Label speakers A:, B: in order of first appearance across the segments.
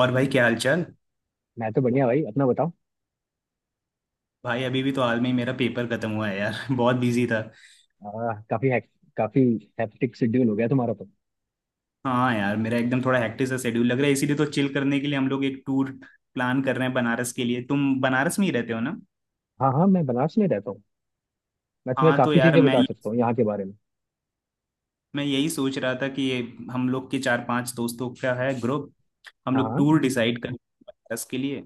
A: और भाई क्या हाल चाल।
B: मैं तो बढ़िया भाई, अपना बताओ।
A: भाई अभी भी तो हाल में ही मेरा पेपर खत्म हुआ है यार। बहुत बिजी था।
B: आ, काफी हैक, काफी हेक्टिक शेड्यूल हो गया तुम्हारा तो।
A: हाँ यार, मेरा एकदम थोड़ा हेक्टिक सा शेड्यूल लग रहा है, इसीलिए तो चिल करने के लिए हम लोग एक टूर प्लान कर रहे हैं बनारस के लिए। तुम बनारस में ही रहते हो ना?
B: हाँ हाँ, मैं बनारस में रहता हूँ। मैं तुम्हें
A: हाँ तो
B: काफी
A: यार,
B: चीजें
A: मैं
B: बता
A: ये
B: सकता हूँ यहाँ के बारे में।
A: मैं यही सोच रहा था कि ये हम लोग के चार पांच दोस्तों का है ग्रुप। हम
B: हाँ
A: लोग
B: हाँ।
A: टूर डिसाइड कर बनारस के लिए।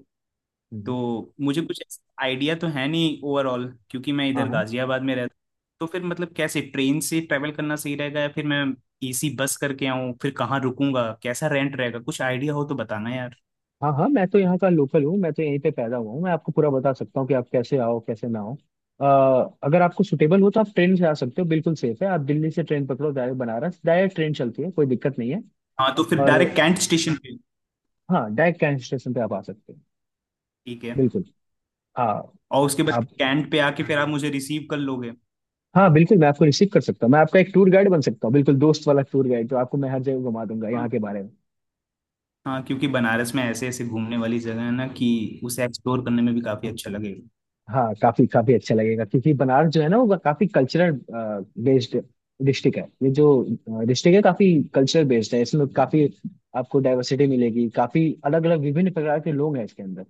B: हम्म।
A: तो मुझे कुछ आइडिया तो है नहीं ओवरऑल, क्योंकि मैं
B: हाँ
A: इधर
B: हाँ।
A: गाजियाबाद में रहता हूँ। तो फिर मतलब कैसे ट्रेन से ट्रैवल करना सही रहेगा, या फिर मैं एसी बस करके आऊँ, फिर कहाँ रुकूंगा, कैसा रेंट रहेगा, कुछ आइडिया हो तो बताना यार।
B: हाँ हाँ, मैं तो यहाँ का लोकल हूँ, मैं तो यहीं पे पैदा हुआ हूँ। मैं आपको पूरा बता सकता हूँ कि आप कैसे आओ, कैसे ना आओ। अगर आपको सुटेबल हो तो आप ट्रेन से आ सकते हो, बिल्कुल सेफ है। आप दिल्ली से ट्रेन पकड़ो, डायरेक्ट बनारस, डायरेक्ट ट्रेन चलती है, कोई दिक्कत नहीं है।
A: हाँ तो फिर
B: और
A: डायरेक्ट कैंट स्टेशन पे।
B: हाँ, डायरेक्ट कैंट स्टेशन पे आप आ सकते हो,
A: ठीक है।
B: बिल्कुल। हाँ
A: और उसके बाद
B: आप
A: कैंट पे आके फिर आप मुझे रिसीव कर लोगे।
B: हाँ बिल्कुल, मैं आपको रिसीव कर सकता हूँ। मैं आपका एक टूर गाइड बन सकता हूँ, बिल्कुल दोस्त वाला टूर गाइड जो आपको मैं हर जगह घुमा दूंगा यहाँ के बारे में।
A: हाँ, क्योंकि बनारस में ऐसे ऐसे घूमने वाली जगह है ना कि उसे एक्सप्लोर करने में भी काफी अच्छा लगेगा।
B: हाँ काफी काफी अच्छा लगेगा, क्योंकि बनारस जो है ना, वो काफी कल्चरल बेस्ड डिस्ट्रिक्ट है। ये जो डिस्ट्रिक्ट है, काफी कल्चरल बेस्ड है। इसमें काफी आपको डाइवर्सिटी मिलेगी, काफी अलग अलग विभिन्न प्रकार के लोग हैं इसके अंदर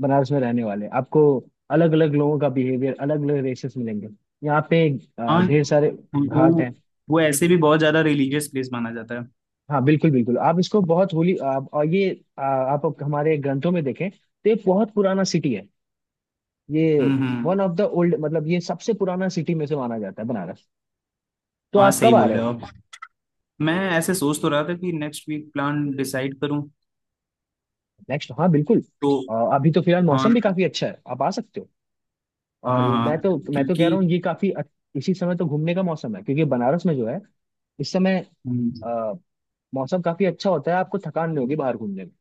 B: बनारस में रहने वाले। आपको अलग अलग लोगों का बिहेवियर, अलग अलग रेसेस मिलेंगे यहाँ पे।
A: हाँ।
B: ढेर सारे घाट
A: वो
B: हैं।
A: वो ऐसे भी बहुत ज्यादा रिलीजियस प्लेस माना जाता है।
B: हाँ बिल्कुल बिल्कुल, आप इसको बहुत होली, आप और ये आप हमारे ग्रंथों में देखें तो ये बहुत पुराना सिटी है। ये
A: हम्म।
B: वन ऑफ द ओल्ड, मतलब ये सबसे पुराना सिटी में से माना जाता है बनारस। तो
A: हाँ
B: आप
A: सही
B: कब आ
A: बोल
B: रहे
A: रहे हो
B: हो?
A: आप। मैं ऐसे सोच तो रहा था कि नेक्स्ट वीक प्लान डिसाइड करूँ
B: नेक्स्ट हाँ बिल्कुल।
A: तो।
B: अभी तो फिलहाल मौसम
A: हाँ
B: भी काफी अच्छा है, आप आ सकते हो। और
A: हाँ
B: मैं
A: हाँ।
B: तो मैं तो कह
A: क्योंकि
B: रहा हूँ ये काफी इसी समय तो घूमने का मौसम है, क्योंकि बनारस में जो है इस समय
A: हम्म,
B: आ, मौसम काफी अच्छा होता है, आपको थकान नहीं होगी बाहर घूमने में।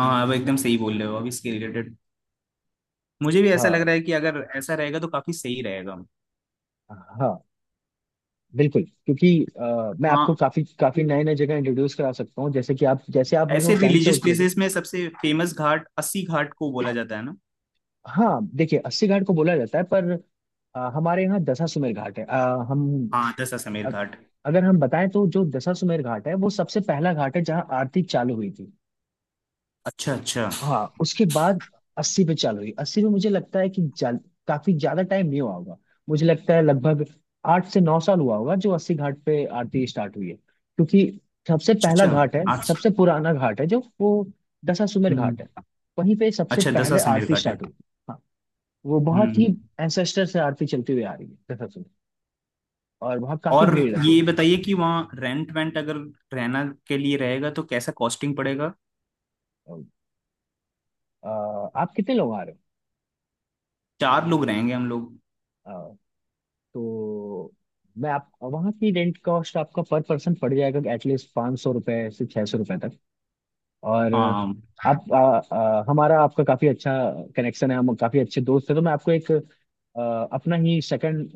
A: हाँ अब एकदम सही बोल रहे हो। अब इसके रिलेटेड मुझे भी ऐसा लग
B: हाँ
A: रहा है कि अगर ऐसा रहेगा तो काफी सही रहेगा।
B: हाँ बिल्कुल, क्योंकि मैं आपको
A: हाँ।
B: काफी काफी नए नए जगह इंट्रोड्यूस करा सकता हूँ, जैसे कि आप जैसे आप मेरे को
A: ऐसे
B: कैंट से
A: रिलीजियस
B: उतरोगे।
A: प्लेसेस में सबसे फेमस घाट अस्सी घाट को बोला जाता है ना?
B: हाँ देखिए, अस्सी घाट को बोला जाता है, पर हमारे यहाँ दशाश्वमेध घाट है। हम
A: हाँ दशाश्वमेध
B: अ-
A: घाट।
B: अगर हम बताएं तो जो दशाश्वमेध घाट है वो सबसे पहला घाट है जहाँ आरती चालू हुई थी।
A: अच्छा अच्छा।
B: हाँ उसके बाद अस्सी पे चालू हुई। अस्सी में मुझे लगता है कि काफी ज्यादा टाइम नहीं हुआ होगा। मुझे लगता है लगभग 8 से 9 साल हुआ होगा जो अस्सी घाट पे आरती स्टार्ट हुई है, क्योंकि सबसे
A: अच्छा
B: पहला
A: अच्छा।
B: घाट है,
A: आज।
B: सबसे पुराना घाट है जो वो दशाश्वमेध
A: हम्म।
B: घाट है। वहीं पे सबसे
A: अच्छा दसा
B: पहले
A: समीर
B: आरती
A: घाट है।
B: स्टार्ट हुई। हाँ, वो बहुत ही
A: हम्म।
B: एंसेस्टर से आरती चलती हुई आ रही है दशाश्वमेध, और वहाँ काफी
A: और
B: भीड़ रहती है।
A: ये बताइए कि वहाँ रेंट वेंट अगर रहना के लिए रहेगा तो कैसा कॉस्टिंग पड़ेगा।
B: आप कितने लोग आ रहे
A: चार लोग रहेंगे हम लोग।
B: हो? तो मैं आप वहाँ की रेंट कॉस्ट आपका पर पर्सन पड़ जाएगा एटलीस्ट 500 रुपये से 600 रुपये तक। और
A: हाँ।
B: आप आ, आ, हमारा आपका काफ़ी अच्छा कनेक्शन है, हम काफ़ी अच्छे दोस्त हैं, तो मैं आपको एक अपना ही सेकंड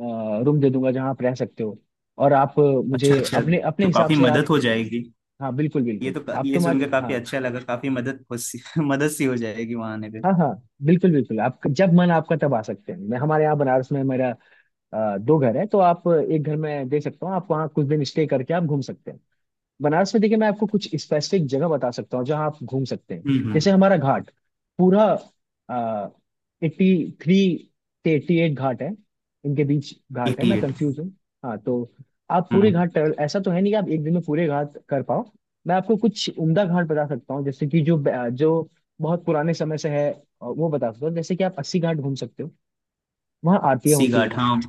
B: रूम दे दूंगा जहाँ आप रह सकते हो। और आप मुझे
A: अच्छा अच्छा,
B: अपने अपने
A: तो
B: हिसाब
A: काफी
B: से
A: मदद
B: आप
A: हो जाएगी।
B: हाँ बिल्कुल बिल्कुल। आप
A: ये
B: तुम्हारे
A: सुनकर
B: हाँ
A: काफी अच्छा लगा, काफी मदद सी हो जाएगी वहाँ आने पे।
B: हाँ हाँ बिल्कुल बिल्कुल। आप जब मन आपका तब आ सकते हैं। मैं हमारे यहाँ बनारस में मेरा दो घर है, तो आप एक घर में दे सकता हूँ। आप वहाँ कुछ दिन स्टे करके आप घूम सकते हैं। बनारस में देखिए, मैं आपको कुछ स्पेसिफिक जगह बता सकता हूँ जहाँ आप घूम सकते हैं।
A: हम्म।
B: जैसे हमारा घाट पूरा 83 से 88 घाट है, इनके बीच घाट है,
A: एटी
B: मैं
A: एट।
B: कंफ्यूज हूँ। हाँ तो आप पूरे
A: हम्म।
B: घाट ट्रेवल, ऐसा तो है नहीं कि आप एक दिन में पूरे घाट कर पाओ। मैं आपको कुछ उम्दा घाट बता सकता हूँ, जैसे कि जो बहुत पुराने समय से है, वो बता सकता हूँ। जैसे कि आप अस्सी घाट घूम सकते हो, वहाँ आरतियाँ
A: सी
B: होती
A: घाट,
B: हैं।
A: हाँ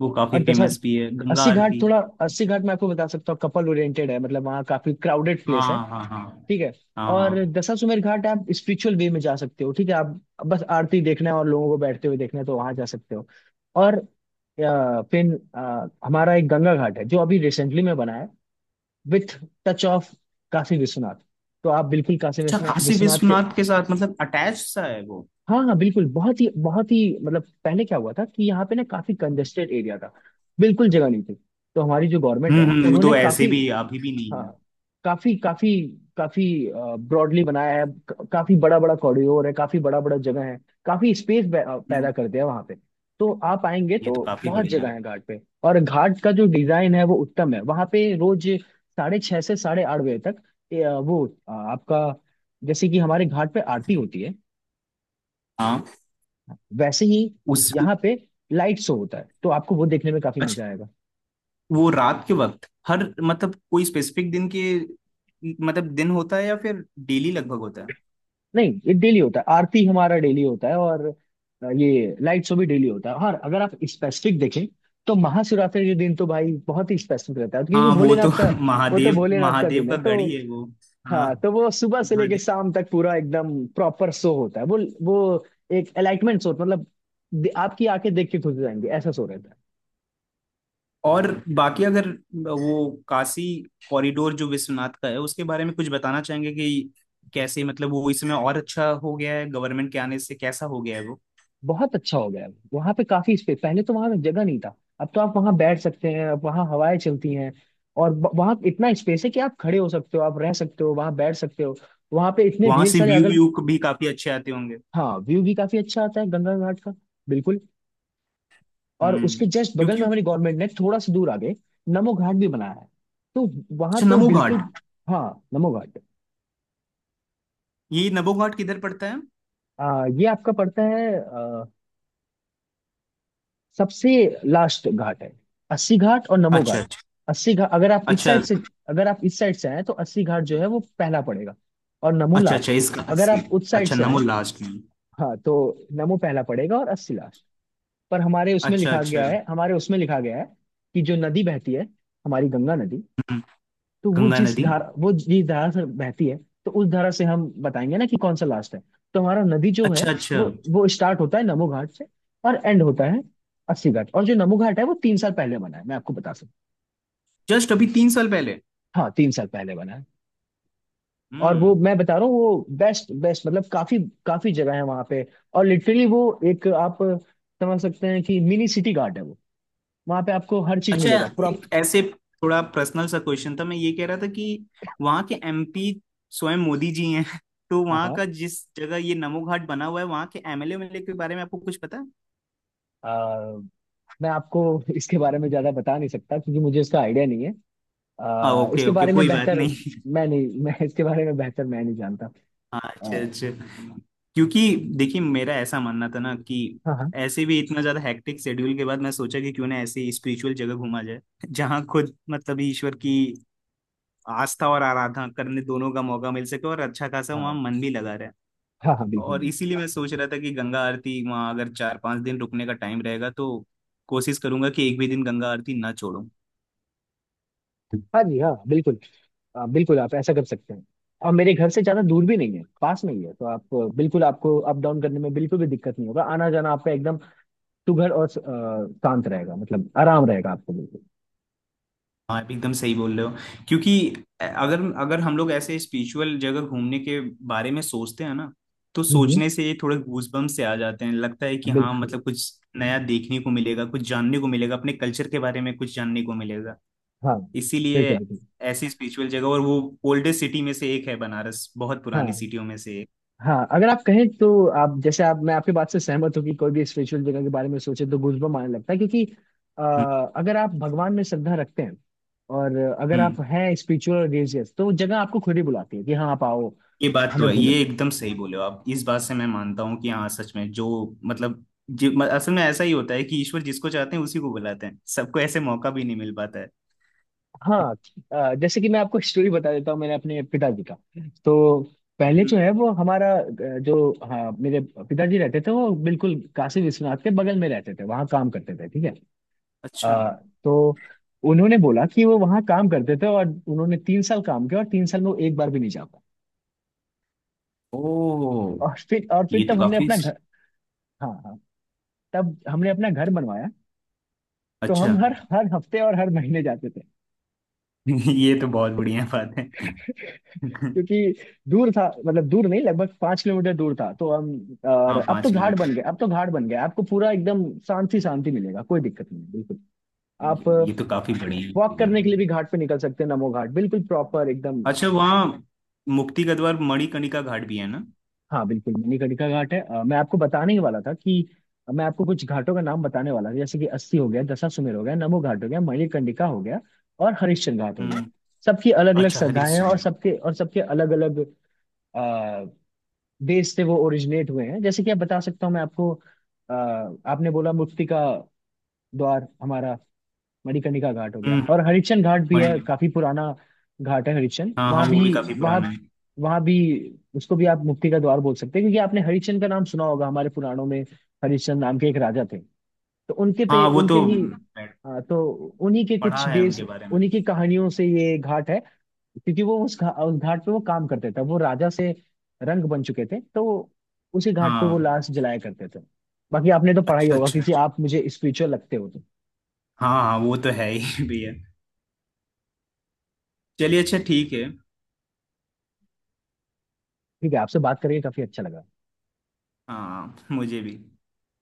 A: वो काफी
B: और जैसा
A: फेमस भी है गंगा
B: अस्सी घाट,
A: आरती।
B: थोड़ा अस्सी घाट मैं आपको बता सकता हूँ, कपल ओरिएंटेड है, मतलब वहाँ काफी क्राउडेड
A: हाँ
B: प्लेस है।
A: हाँ। हाँ
B: ठीक है।
A: हाँ।
B: और
A: हाँ।
B: दशाश्वमेध घाट आप स्पिरिचुअल वे में जा सकते हो। ठीक है, आप बस आरती देखना है और लोगों को बैठते हुए देखना है तो वहां जा सकते हो। और हमारा एक गंगा घाट है जो अभी रिसेंटली में बना है, with touch of Kashi Vishwanath. तो आप बिल्कुल काशी
A: अच्छा,
B: विश्वनाथ
A: काशी
B: विश्वनाथ के
A: विश्वनाथ के साथ मतलब अटैच सा है वो।
B: हाँ हाँ बिल्कुल। बहुत ही बहुत ही, मतलब पहले क्या हुआ था कि यहाँ पे ना काफी कंजेस्टेड एरिया था, बिल्कुल जगह नहीं थी। तो हमारी जो गवर्नमेंट है
A: वो
B: उन्होंने
A: तो ऐसे
B: काफी
A: भी अभी भी नहीं
B: हाँ
A: है।
B: काफी काफी काफी ब्रॉडली बनाया है। काफी बड़ा बड़ा कॉरिडोर है, काफी बड़ा बड़ा जगह है, काफी स्पेस
A: हम्म,
B: पैदा करते हैं वहां पे। तो आप आएंगे
A: ये तो
B: तो
A: काफी
B: बहुत
A: बढ़िया
B: जगह
A: है।
B: है घाट पे। और घाट का जो डिजाइन है वो उत्तम है। वहां पे रोज 6:30 से 8:30 बजे तक ए, अ, वो अ, आपका जैसे कि हमारे घाट पे आरती होती है,
A: हाँ।
B: वैसे ही
A: उस।
B: यहाँ पे लाइट शो होता है, तो आपको वो देखने में काफी
A: अच्छा,
B: मजा आएगा।
A: वो रात के वक्त हर मतलब कोई स्पेसिफिक दिन के मतलब दिन होता है या फिर डेली लगभग होता है?
B: नहीं ये डेली होता है, आरती हमारा डेली होता है। और ये लाइट शो भी डेली होता है। और अगर आप स्पेसिफिक देखें तो महाशिवरात्रि के दिन तो भाई बहुत ही स्पेसिफिक रहता है, क्योंकि
A: हाँ वो तो
B: भोलेनाथ का, वो तो
A: महादेव
B: भोलेनाथ का
A: महादेव
B: दिन है।
A: का
B: तो
A: गढ़ ही है वो। हाँ।
B: हाँ, तो वो सुबह से लेके
A: महादेव।
B: शाम तक पूरा एकदम प्रॉपर शो होता है। वो एक एलाइटमेंट शो, मतलब आपकी आंखें देख के खुश हो जाएंगी, ऐसा शो रहता है।
A: और बाकी अगर वो काशी कॉरिडोर जो विश्वनाथ का है उसके बारे में कुछ बताना चाहेंगे कि कैसे मतलब वो इस समय और अच्छा हो गया है, गवर्नमेंट के आने से कैसा हो गया है वो।
B: बहुत अच्छा हो गया है वहां पे, काफी स्पेस। पहले तो वहां जगह नहीं था, अब तो आप वहां बैठ सकते हैं, अब वहां हवाएं चलती हैं। और वहां इतना स्पेस है कि आप खड़े हो सकते हो, आप रह सकते हो, वहां बैठ सकते हो। वहां पे इतने
A: वहां
B: ढेर
A: से
B: सारे
A: व्यू
B: अगल
A: व्यू भी काफी अच्छे आते होंगे।
B: हाँ व्यू भी काफी अच्छा आता है गंगा घाट का, बिल्कुल। और
A: हम्म।
B: उसके जस्ट बगल में
A: क्योंकि।
B: हमारी गवर्नमेंट ने थोड़ा सा दूर आगे नमो घाट भी बनाया है, तो वहां
A: अच्छा
B: तो
A: नमो
B: बिल्कुल
A: घाट।
B: हाँ। नमो घाट
A: ये नमो घाट किधर पड़ता है?
B: ये आपका पड़ता है सबसे लास्ट घाट है, अस्सी घाट और नमो
A: अच्छा
B: घाट।
A: अच्छा।
B: अस्सी घाट, अगर आप इस
A: अच्छा
B: साइड से, अगर आप इस साइड से आए तो अस्सी घाट जो है वो पहला पड़ेगा और नमो
A: अच्छा। अच्छा
B: लास्ट।
A: इसका
B: अगर
A: अस्सी।
B: आप उस साइड
A: अच्छा
B: से
A: नमो
B: आए,
A: लास्ट में।
B: हाँ, तो नमो पहला पड़ेगा और अस्सी लास्ट। पर हमारे उसमें
A: अच्छा
B: लिखा
A: अच्छा।
B: गया है, हमारे उसमें लिखा गया है कि जो नदी बहती है, हमारी गंगा नदी,
A: हम्म,
B: तो वो
A: गंगा
B: जिस
A: नदी।
B: धारा, वो जिस धारा से बहती है, तो उस धारा से हम बताएंगे ना कि कौन सा लास्ट है। तो हमारा नदी जो है
A: अच्छा अच्छा।
B: वो स्टार्ट होता है नमो घाट से और एंड होता है अस्सी घाट। और जो नमो घाट है वो 3 साल पहले बना है, मैं आपको बता सकता
A: जस्ट अभी तीन साल पहले।
B: हूँ। हाँ, 3 साल पहले बना है। और वो
A: हम्म।
B: मैं बता रहा हूँ वो बेस्ट बेस्ट, मतलब काफी काफी जगह है वहां पे। और लिटरली वो एक आप समझ सकते हैं कि मिनी सिटी घाट है वो। वहां पे आपको हर चीज
A: अच्छा।
B: मिलेगा पूरा।
A: एक ऐसे थोड़ा पर्सनल सा क्वेश्चन था, मैं ये कह रहा था कि वहाँ के एमपी स्वयं मोदी जी हैं। तो
B: हाँ
A: वहाँ
B: हाँ
A: का जिस जगह ये नमो घाट बना हुआ है वहाँ के एमएलए एमएलए के बारे में आपको कुछ पता है?
B: अ, मैं आपको इसके बारे में ज्यादा बता नहीं सकता, क्योंकि मुझे इसका आइडिया नहीं है।
A: ओके
B: इसके
A: ओके
B: बारे में
A: कोई बात
B: बेहतर
A: नहीं।
B: मैं नहीं मैं इसके बारे में बेहतर मैं नहीं जानता।
A: हाँ
B: आ,
A: अच्छे अच्छे। क्योंकि देखिए मेरा ऐसा मानना था ना कि
B: हाँ हाँ
A: ऐसे भी इतना ज्यादा हेक्टिक शेड्यूल के बाद मैं सोचा कि क्यों ना ऐसी स्पिरिचुअल जगह घूमा जाए जहाँ खुद मतलब ईश्वर की आस्था और आराधना करने दोनों का मौका मिल सके और अच्छा खासा वहाँ
B: हाँ
A: मन भी लगा रहे।
B: हाँ हाँ बिल्कुल
A: और
B: बिल्कुल।
A: इसीलिए मैं सोच रहा था कि गंगा आरती वहाँ अगर चार पांच दिन रुकने का टाइम रहेगा तो कोशिश करूंगा कि एक भी दिन गंगा आरती ना छोड़ूं।
B: हाँ जी हाँ बिल्कुल। बिल्कुल आप ऐसा कर सकते हैं। और मेरे घर से ज्यादा दूर भी नहीं है, पास में ही है। तो आप बिल्कुल आपको अप डाउन करने में बिल्कुल भी दिक्कत नहीं होगा। आना जाना आपका एकदम सुघड़ और शांत रहेगा, मतलब आराम रहेगा आपको, बिल्कुल।
A: हाँ आप एकदम सही बोल रहे हो, क्योंकि अगर अगर हम लोग ऐसे स्पिरिचुअल जगह घूमने के बारे में सोचते हैं ना तो
B: हम्म। हम्म।
A: सोचने से ये थोड़े गूजबम्प से आ जाते हैं, लगता है कि हाँ
B: बिल्कुल,
A: मतलब कुछ नया देखने को मिलेगा, कुछ जानने को मिलेगा, अपने कल्चर के बारे में कुछ जानने को मिलेगा।
B: हाँ
A: इसीलिए
B: बिल्कुल बिल्कुल।
A: ऐसी स्पिरिचुअल जगह, और वो ओल्डेस्ट सिटी में से एक है बनारस, बहुत पुरानी
B: हाँ
A: सिटियों में से एक।
B: हाँ, अगर आप कहें तो आप जैसे आप, मैं आपकी बात से सहमत हूँ कि कोई भी स्पिरिचुअल जगह के बारे में सोचे तो गूजबम्प आने लगता है, क्योंकि अ,
A: हम्म
B: अगर आप भगवान में श्रद्धा रखते हैं, और अगर आप
A: हम्म।
B: हैं स्पिरिचुअल रिलीजियस, तो वो जगह आपको खुद ही बुलाती है कि हाँ आप आओ,
A: ये बात तो
B: हमें
A: है,
B: घूमें।
A: ये एकदम सही बोले हो आप, इस बात से मैं मानता हूँ कि हाँ सच में जो मतलब असल में ऐसा ही होता है कि ईश्वर जिसको चाहते हैं उसी को बुलाते हैं, सबको ऐसे मौका भी नहीं मिल पाता है।
B: हाँ जैसे कि मैं आपको स्टोरी बता देता हूँ, मैंने अपने पिताजी का। तो पहले जो
A: हम्म।
B: है वो हमारा जो हाँ, मेरे पिताजी रहते थे वो बिल्कुल काशी विश्वनाथ के बगल में रहते थे, वहाँ काम करते थे, ठीक है।
A: अच्छा।
B: आ, तो उन्होंने बोला कि वो वहां काम करते थे और उन्होंने तीन साल काम किया, और 3 साल में वो एक बार भी नहीं जा पाए।
A: ओ
B: और फिर
A: ये तो
B: तब हमने
A: काफी
B: अपना घर, हाँ हाँ, तब हमने अपना घर बनवाया। तो
A: अच्छा।
B: हम हर हर हफ्ते और हर महीने जाते थे,
A: ये तो बहुत बढ़िया बात है।
B: क्योंकि दूर था, मतलब दूर नहीं, लगभग 5 किलोमीटर दूर था। तो हम, और
A: हाँ
B: अब तो
A: पाँच
B: घाट बन
A: किलोमीटर,
B: गए, अब तो घाट बन गया। आपको पूरा एकदम शांति शांति मिलेगा, कोई दिक्कत नहीं है, बिल्कुल। आप
A: ये तो काफी
B: वॉक
A: बढ़िया है।
B: करने के लिए भी घाट पे निकल सकते हैं, नमो घाट बिल्कुल प्रॉपर एकदम।
A: अच्छा वहाँ मुक्ति गद्वार मणिकर्णिका घाट भी है ना?
B: हाँ बिल्कुल मणिकर्णिका घाट है। मैं आपको बताने ही वाला था कि मैं आपको कुछ घाटों का नाम बताने वाला था। जैसे कि अस्सी हो गया, दशाश्वमेध हो गया, नमो घाट हो गया, मणिकर्णिका हो गया, और हरिश्चंद्र घाट हो गया।
A: हम्म।
B: सबकी अलग अलग
A: अच्छा
B: श्रद्धाएं
A: हरीश।
B: हैं, और सबके अलग अलग देश से वो ओरिजिनेट हुए हैं। जैसे कि आप, बता सकता हूँ मैं आपको आपने बोला मुक्ति का द्वार, हमारा मणिकर्णिका घाट हो गया,
A: हम्म।
B: और हरिश्चंद्र घाट भी
A: मणि।
B: है, काफी पुराना घाट है हरिश्चंद्र।
A: हाँ हाँ
B: वहां
A: वो
B: भी,
A: भी काफी
B: वहां
A: पुराना है।
B: वहां भी उसको भी आप मुक्ति का द्वार बोल सकते हैं, क्योंकि आपने हरिश्चंद्र का नाम सुना होगा हमारे पुराणों में, हरिश्चंद्र नाम के एक राजा थे। तो उनके पे
A: हाँ वो
B: उनके
A: तो
B: ही हाँ, तो उन्हीं के
A: पढ़ा
B: कुछ
A: है
B: बेस
A: उनके बारे में।
B: उन्हीं की कहानियों से ये घाट है, क्योंकि वो उस घाट पे वो काम करते थे, वो राजा से रंग बन चुके थे, तो वो उसी घाट पे वो
A: हाँ
B: लाश जलाया करते थे। बाकी आपने तो पढ़ा ही
A: अच्छा
B: होगा,
A: अच्छा
B: क्योंकि
A: अच्छा।
B: आप मुझे स्पिरिचुअल लगते हो तो।
A: हाँ हाँ वो तो है ही भैया। चलिए अच्छा ठीक है।
B: ठीक है, आपसे बात करके काफी अच्छा लगा।
A: हाँ मुझे भी।